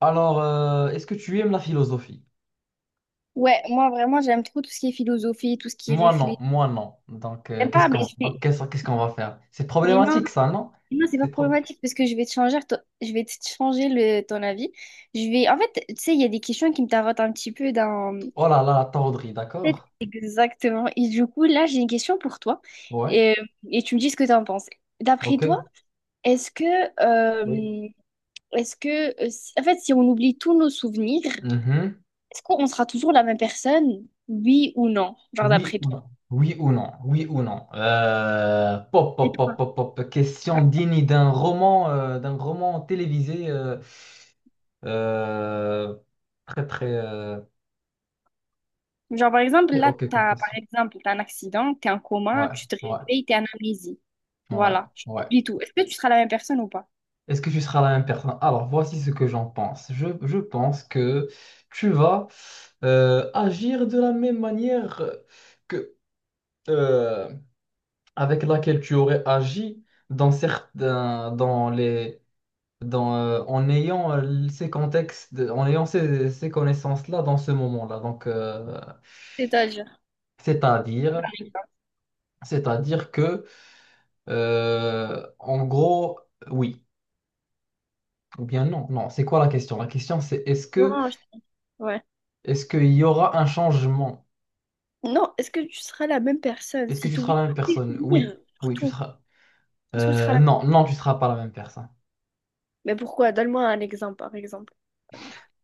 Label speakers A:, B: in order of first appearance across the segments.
A: Alors, est-ce que tu aimes la philosophie?
B: Ouais, moi vraiment j'aime trop tout ce qui est philosophie, tout ce qui est
A: Moi, non,
B: réfléchi.
A: moi, non. Donc,
B: J'aime
A: qu'est-ce
B: pas, mais
A: qu'on donc, qu'est-ce, qu'est-ce qu'on va faire? C'est
B: mais non,
A: problématique, ça, non?
B: non, c'est pas
A: C'est pro-
B: problématique parce que je vais te je vais te changer ton avis. Je vais, en fait, tu sais, il y a des questions qui me tarotent un petit peu dans.
A: Oh là là, la tordrie, d'accord?
B: Exactement. Et du coup, là, j'ai une question pour toi
A: Ouais,
B: et, et tu me dis ce que tu en penses. D'après
A: ok.
B: toi, est-ce que,
A: Oui.
B: euh, est-ce que, en fait, si on oublie tous nos souvenirs,
A: Mhm.
B: est-ce qu'on sera toujours la même personne, oui ou non, genre
A: Oui
B: d'après
A: ou
B: toi?
A: non? Oui ou non? Oui ou non? Pop, pop, pop, pop, pop. Question digne d'un roman télévisé. Euh, très, très...
B: Genre, par exemple,
A: très
B: là,
A: ok comme
B: t'as, par
A: question.
B: exemple, t'as un accident, t'es en
A: Ouais,
B: coma, tu te
A: ouais,
B: réveilles, t'es en amnésie.
A: ouais,
B: Voilà, tu
A: ouais.
B: oublies tout. Est-ce que tu seras la même personne ou pas?
A: Est-ce que tu seras la même personne? Alors, voici ce que j'en pense. Je pense que tu vas agir de la même manière que euh, avec laquelle tu aurais agi dans certains, dans les, dans, en ayant ces contextes, en ayant ces connaissances-là dans ce moment-là. Donc,
B: C'est-à-dire.
A: c'est-à-dire,
B: Par exemple.
A: c'est-à-dire que, en gros, oui ou bien non. Non, c'est quoi la question? La question, c'est est-ce que
B: Non, je... ouais.
A: est-ce qu'il y aura un changement?
B: Non, est-ce que tu seras la même personne
A: Est-ce que
B: si
A: tu
B: tu
A: seras
B: oublies
A: la même
B: tous tes
A: personne?
B: souvenirs,
A: Oui. Oui, tu
B: surtout?
A: seras.
B: Est-ce que tu seras la même?
A: Non, non, tu seras pas la même personne.
B: Mais pourquoi? Donne-moi un exemple, par exemple.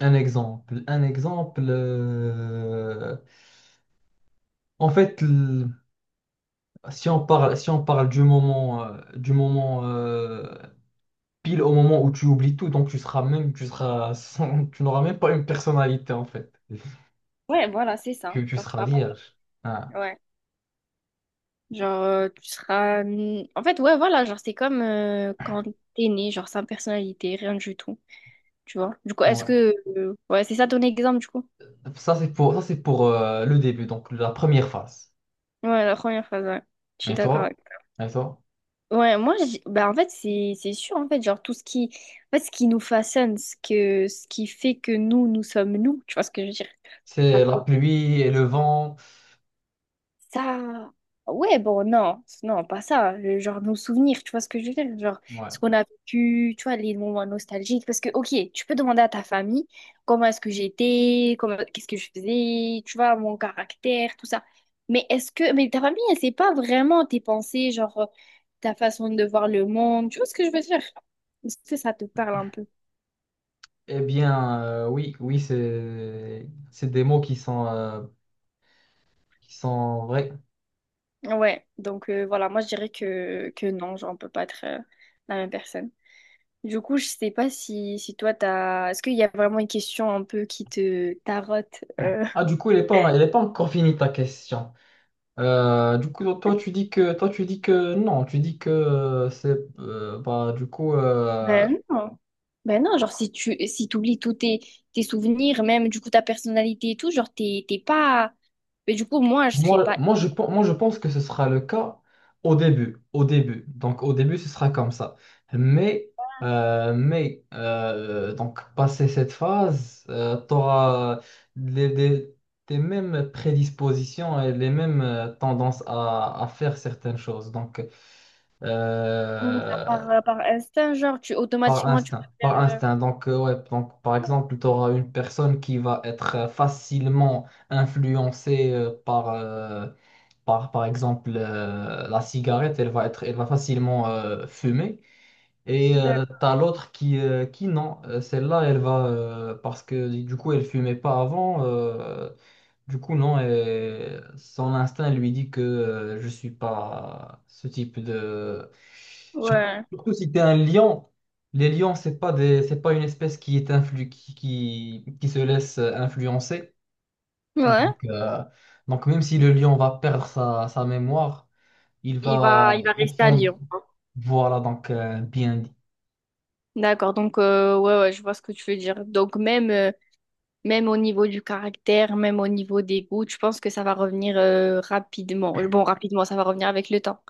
A: Un exemple. Un exemple. En fait, l- si on parle, si on parle du moment pile au moment où tu oublies tout, donc tu seras même, tu seras sans- tu n'auras même pas une personnalité en fait.
B: Ouais, voilà, c'est ça.
A: Tu
B: Genre,
A: seras
B: t'auras pas...
A: vierge. Ah,
B: Ouais. Genre, tu seras. En fait, ouais, voilà, genre, c'est comme quand t'es né, genre, sans personnalité, rien du tout. Tu vois? Du coup, est-ce
A: ouais.
B: que. Ouais, c'est ça ton exemple, du coup?
A: Ça, c'est pour le début, donc la première phase.
B: Ouais, la première phrase, ouais. Je suis
A: Et
B: d'accord
A: toi?
B: avec
A: Et toi?
B: toi. Ouais, moi, je en fait, c'est sûr, en fait, genre, tout ce qui, en fait, ce qui nous façonne, ce qui fait que nous, nous sommes nous, tu vois ce que je veux dire? Pas
A: C'est la
B: trop.
A: pluie et le vent.
B: Ça, ouais, bon, non, non, pas ça. Genre nos souvenirs, tu vois ce que je veux dire? Genre
A: Ouais.
B: ce qu'on a vécu, tu vois, les moments nostalgiques. Parce que, ok, tu peux demander à ta famille comment est-ce que j'étais, comment, qu'est-ce que je faisais, tu vois, mon caractère, tout ça. Mais ta famille, elle sait pas vraiment tes pensées, genre ta façon de voir le monde, tu vois ce que je veux dire? Est-ce que ça te parle un peu?
A: Eh bien, oui, oui, c'est des mots qui sont vrais.
B: Ouais, donc voilà, moi je dirais que non, genre on peut pas être la même personne. Du coup, je sais pas si, si toi, t'as... Est-ce qu'il y a vraiment une question un peu qui te tarote?
A: Ah, du coup, il est pas encore fini ta question. Du coup, toi, tu dis que non, tu dis que c'est bah du coup
B: Ben non. Ben non, genre si t'oublies tous tes, tes souvenirs, même du coup ta personnalité et tout, genre t'es pas... Mais du coup, moi, je serais
A: moi,
B: pas...
A: moi, je pense que ce sera le cas au début. Au début. Donc, au début, ce sera comme ça. Mais, donc, passé cette phase, tu auras les, les- tes mêmes prédispositions et les mêmes tendances à faire certaines choses. Donc,
B: Genre,
A: euh,
B: par, par instinct, genre, tu
A: par
B: automatiquement, tu vas
A: instinct. Par
B: faire...
A: instinct. Donc, ouais, donc, par exemple, tu auras une personne qui va être facilement influencée par. Par exemple, la cigarette, elle va facilement fumer. Et
B: D'accord.
A: t'as l'autre qui non, celle-là, elle va, parce que du coup, elle fumait pas avant. Du coup, non, et son instinct lui dit que je suis pas ce type de... Surtout,
B: Ouais.
A: surtout si t'es un lion. Les lions, c'est pas une espèce qui est qui se laisse influencer.
B: Ouais.
A: Donc, euh, donc même si le lion va perdre sa mémoire, il va
B: Il va
A: au
B: rester à
A: fond.
B: Lyon.
A: Voilà donc bien dit,
B: D'accord, donc ouais, ouais, je vois ce que tu veux dire. Donc même... même au niveau du caractère, même au niveau des goûts, je pense que ça va revenir rapidement. Bon, rapidement, ça va revenir avec le temps.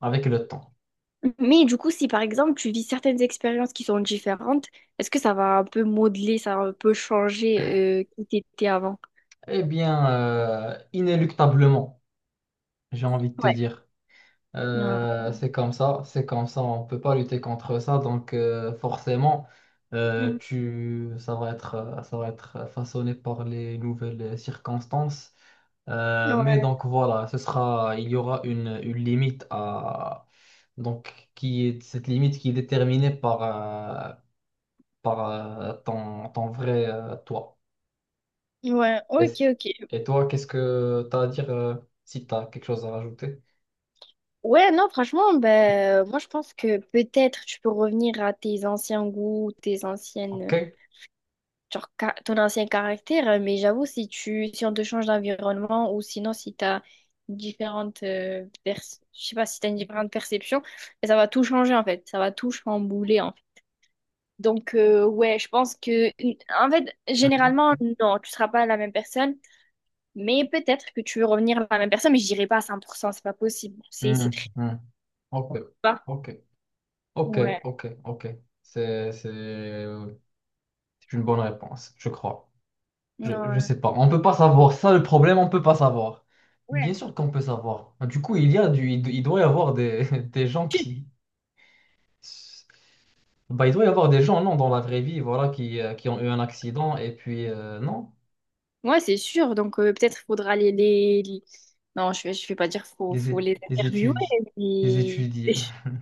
A: avec le temps.
B: Mais du coup, si par exemple tu vis certaines expériences qui sont différentes, est-ce que ça va un peu modeler, ça va un peu changer qui t'étais avant?
A: Eh bien, inéluctablement, j'ai envie de te
B: Ouais.
A: dire.
B: Ouais.
A: C'est comme ça, on peut pas lutter contre ça. Donc forcément,
B: Mhm.
A: ça va être façonné par les nouvelles circonstances. Mais
B: Ouais,
A: donc voilà, il y aura une limite à donc qui est cette limite qui est déterminée par, ton, ton vrai toi.
B: ouais,
A: Et,
B: ok, ok.
A: et toi, qu'est-ce que tu as à dire si tu as quelque chose à rajouter?
B: Ouais, non, franchement, ben, moi je pense que peut-être tu peux revenir à tes anciens goûts, tes
A: OK?
B: anciennes. Genre ton ancien caractère, hein, mais j'avoue, si on te change d'environnement ou sinon si tu as différentes je sais pas si tu une différente perception, ben, ça va tout changer en fait, ça va tout chambouler en fait. Donc ouais, je pense que en fait,
A: Mhm.
B: généralement non, tu seras pas la même personne, mais peut-être que tu veux revenir à la même personne, mais je dirais pas à 100% c'est pas possible. C'est
A: Mhm.
B: très
A: Mhm. OK.
B: bas.
A: OK. OK.
B: Ouais.
A: OK. OK. C'est, c'est euh, c'est une bonne réponse, je crois. Je
B: Ouais.
A: sais pas. On peut pas savoir. Ça, le problème, on peut pas savoir. Bien
B: Ouais.
A: sûr qu'on peut savoir. Du coup, il doit y avoir des, des gens qui. Bah, il doit y avoir des gens, non, dans la vraie vie, voilà, qui ont eu un accident et puis, non.
B: Ouais, c'est sûr. Donc, peut-être faudra les- Non, je vais pas dire
A: les,
B: faut
A: é-
B: les
A: les
B: interviewer,
A: étudier, les
B: mais...
A: étudier.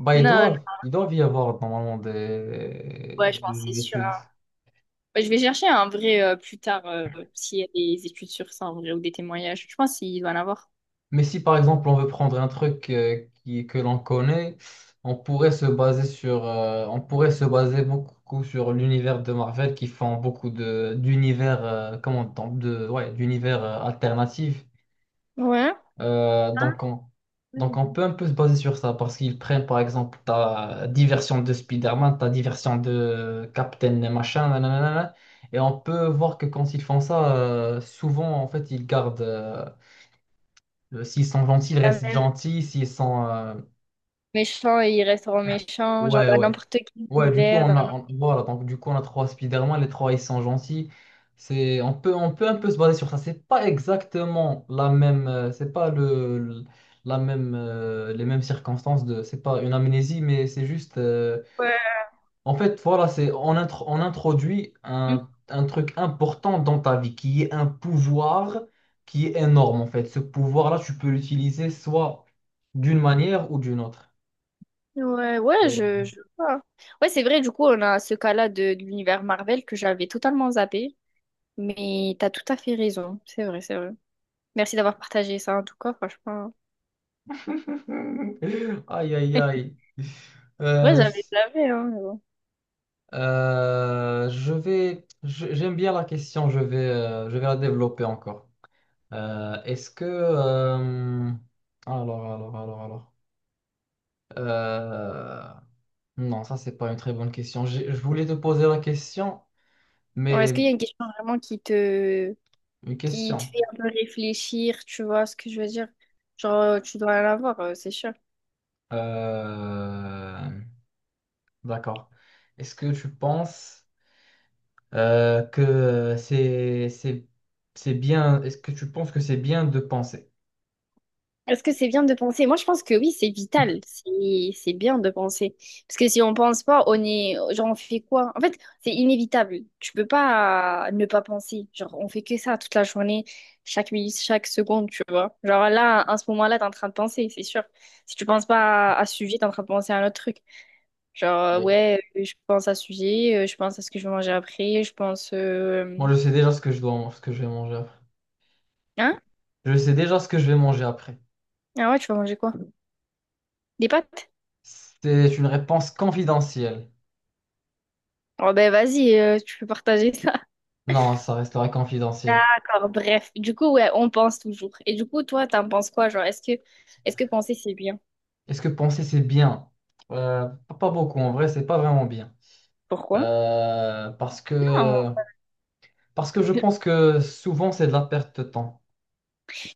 A: Bah,
B: Non, non,
A: ils doivent y avoir normalement
B: ouais, je pense que c'est
A: des
B: sûr,
A: études.
B: hein. Ouais, je vais chercher un vrai plus tard, s'il y a des études sur ça en vrai, ou des témoignages. Je pense qu'il doit en avoir.
A: Mais si par exemple on veut prendre un truc que l'on connaît, on pourrait se baser sur, on pourrait se baser beaucoup sur l'univers de Marvel qui font beaucoup de d'univers, comment on dit, de, ouais, d'univers alternatifs
B: Ouais.
A: Euh, donc, on, donc, on
B: Oui.
A: peut un peu se baser sur ça parce qu'ils prennent par exemple ta diversion de Spider-Man, ta diversion de Captain et machin, nanana, nanana. Et on peut voir que quand ils font ça, souvent en fait ils gardent. S'ils sont gentils, ils
B: Quand
A: restent
B: même,
A: gentils. S'ils sont.
B: méchant, ils resteront méchants, genre
A: Ouais,
B: dans
A: ouais.
B: n'importe quel
A: Ouais, du coup,
B: univers, dans n'importe-
A: voilà, donc du coup, on a trois Spider-Man, les trois, ils sont gentils. On peut un peu se baser sur ça. C'est pas exactement la même, c'est pas le, le- la même, les mêmes circonstances de, c'est pas une amnésie, mais c'est juste,
B: Ouais.
A: en fait, voilà, on introduit un truc important dans ta vie, qui est un pouvoir qui est énorme, en fait. Ce pouvoir-là, tu peux l'utiliser soit d'une manière ou d'une autre.
B: Ouais, ouais,
A: Et-
B: je vois. Ouais, c'est vrai, du coup, on a ce cas-là de l'univers Marvel que j'avais totalement zappé. Mais t'as tout à fait raison, c'est vrai, c'est vrai. Merci d'avoir partagé ça en tout cas, franchement.
A: Aïe, aïe, aïe.
B: Ouais,
A: Euh,
B: j'avais, hein, mais bon.
A: Je vais, j'aime bien la question, je vais la développer encore. Euh, est-ce que, euh, alors, Euh, non, ça c'est pas une très bonne question. Je voulais te poser la question,
B: Ouais, est-ce
A: mais
B: qu'il y a une question vraiment
A: une
B: qui te
A: question.
B: fait un peu réfléchir, tu vois ce que je veux dire? Genre, tu dois en avoir, c'est sûr.
A: Euh, d'accord. Est-ce que tu penses euh, que c'est, c'est, c'est bien, est-ce que tu penses que c'est bien de penser?
B: Est-ce que c'est bien de penser? Moi, je pense que oui, c'est vital. C'est bien de penser. Parce que si on pense pas, on est, genre, on fait quoi? En fait, c'est inévitable. Tu peux pas ne pas penser. Genre, on fait que ça toute la journée, chaque minute, chaque seconde, tu vois. Genre là, à ce moment-là, t'es en train de penser, c'est sûr. Si tu penses pas à ce sujet, t'es en train de penser à un autre truc. Genre,
A: Oui.
B: je pense à ce sujet, je pense à ce que je vais manger après, je pense,
A: Moi, je sais déjà ce que je vais manger après.
B: hein?
A: Je sais déjà ce que je vais manger après.
B: Ah ouais, tu vas manger quoi? Des pâtes?
A: C'est une réponse confidentielle.
B: Oh ben vas-y, tu peux partager ça.
A: Non, ça restera confidentiel.
B: D'accord, bref. Du coup, ouais, on pense toujours. Et du coup, toi, t'en penses quoi? Genre, est-ce que penser c'est bien?
A: Est-ce que penser c'est bien? Pas beaucoup, en vrai, c'est pas vraiment bien.
B: Pourquoi?
A: Euh, parce
B: Non,
A: que, parce que je pense que souvent c'est de la perte de temps.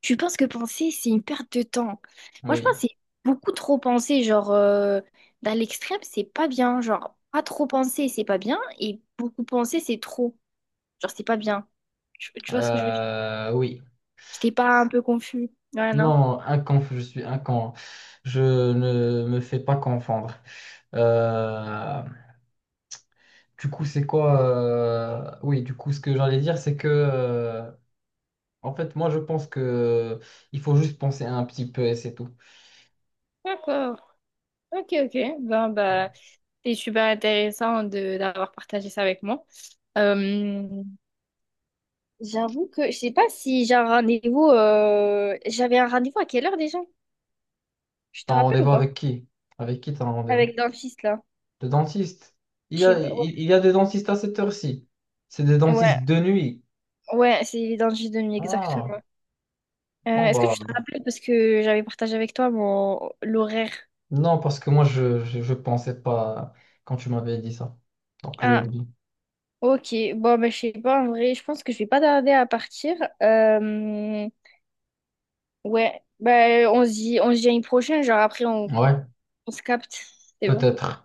B: tu penses que penser c'est une perte de temps. Moi, je pense
A: Oui.
B: que c'est beaucoup trop penser. Genre, dans l'extrême, c'est pas bien. Genre, pas trop penser, c'est pas bien. Et beaucoup penser, c'est trop. Genre, c'est pas bien. Tu vois ce que je veux dire?
A: Oui.
B: J'étais pas un peu confus. Ouais, non.
A: Non, un conf, je suis un con. Je ne me fais pas confondre. Euh, du coup, c'est quoi? Oui, du coup, ce que j'allais dire, c'est que. En fait, moi, je pense que il faut juste penser un petit peu et c'est tout.
B: D'accord. Ok, ok. Ben, bah, c'est super intéressant de d'avoir partagé ça avec moi. Euh, J'avoue que je sais pas si j'ai un rendez-vous. J'avais un rendez-vous à quelle heure déjà? Je te
A: T'as un
B: rappelle ou
A: rendez-vous
B: pas?
A: avec qui? Avec qui t'as un rendez-vous?
B: Avec le dentiste là.
A: Le dentiste. Il
B: Je
A: y
B: sais
A: a,
B: pas.
A: il,
B: Ouais,
A: il y a des dentistes à cette heure-ci. C'est des dentistes
B: ouais,
A: de nuit.
B: ouais, c'est les dentistes de nuit,
A: Ah,
B: exactement.
A: bon,
B: Est-ce que
A: bah,
B: tu te rappelles parce que j'avais partagé avec toi mon l'horaire?
A: non, parce que moi, je pensais pas quand tu m'avais dit ça. Donc, j'ai
B: Ah,
A: oublié.
B: ok. Bon, ben, je sais pas en vrai. Je pense que je vais pas tarder à partir. Euh, Ouais, ben, on se dit à une prochaine. Genre après,
A: Ouais,
B: on se capte. C'est bon.
A: peut-être.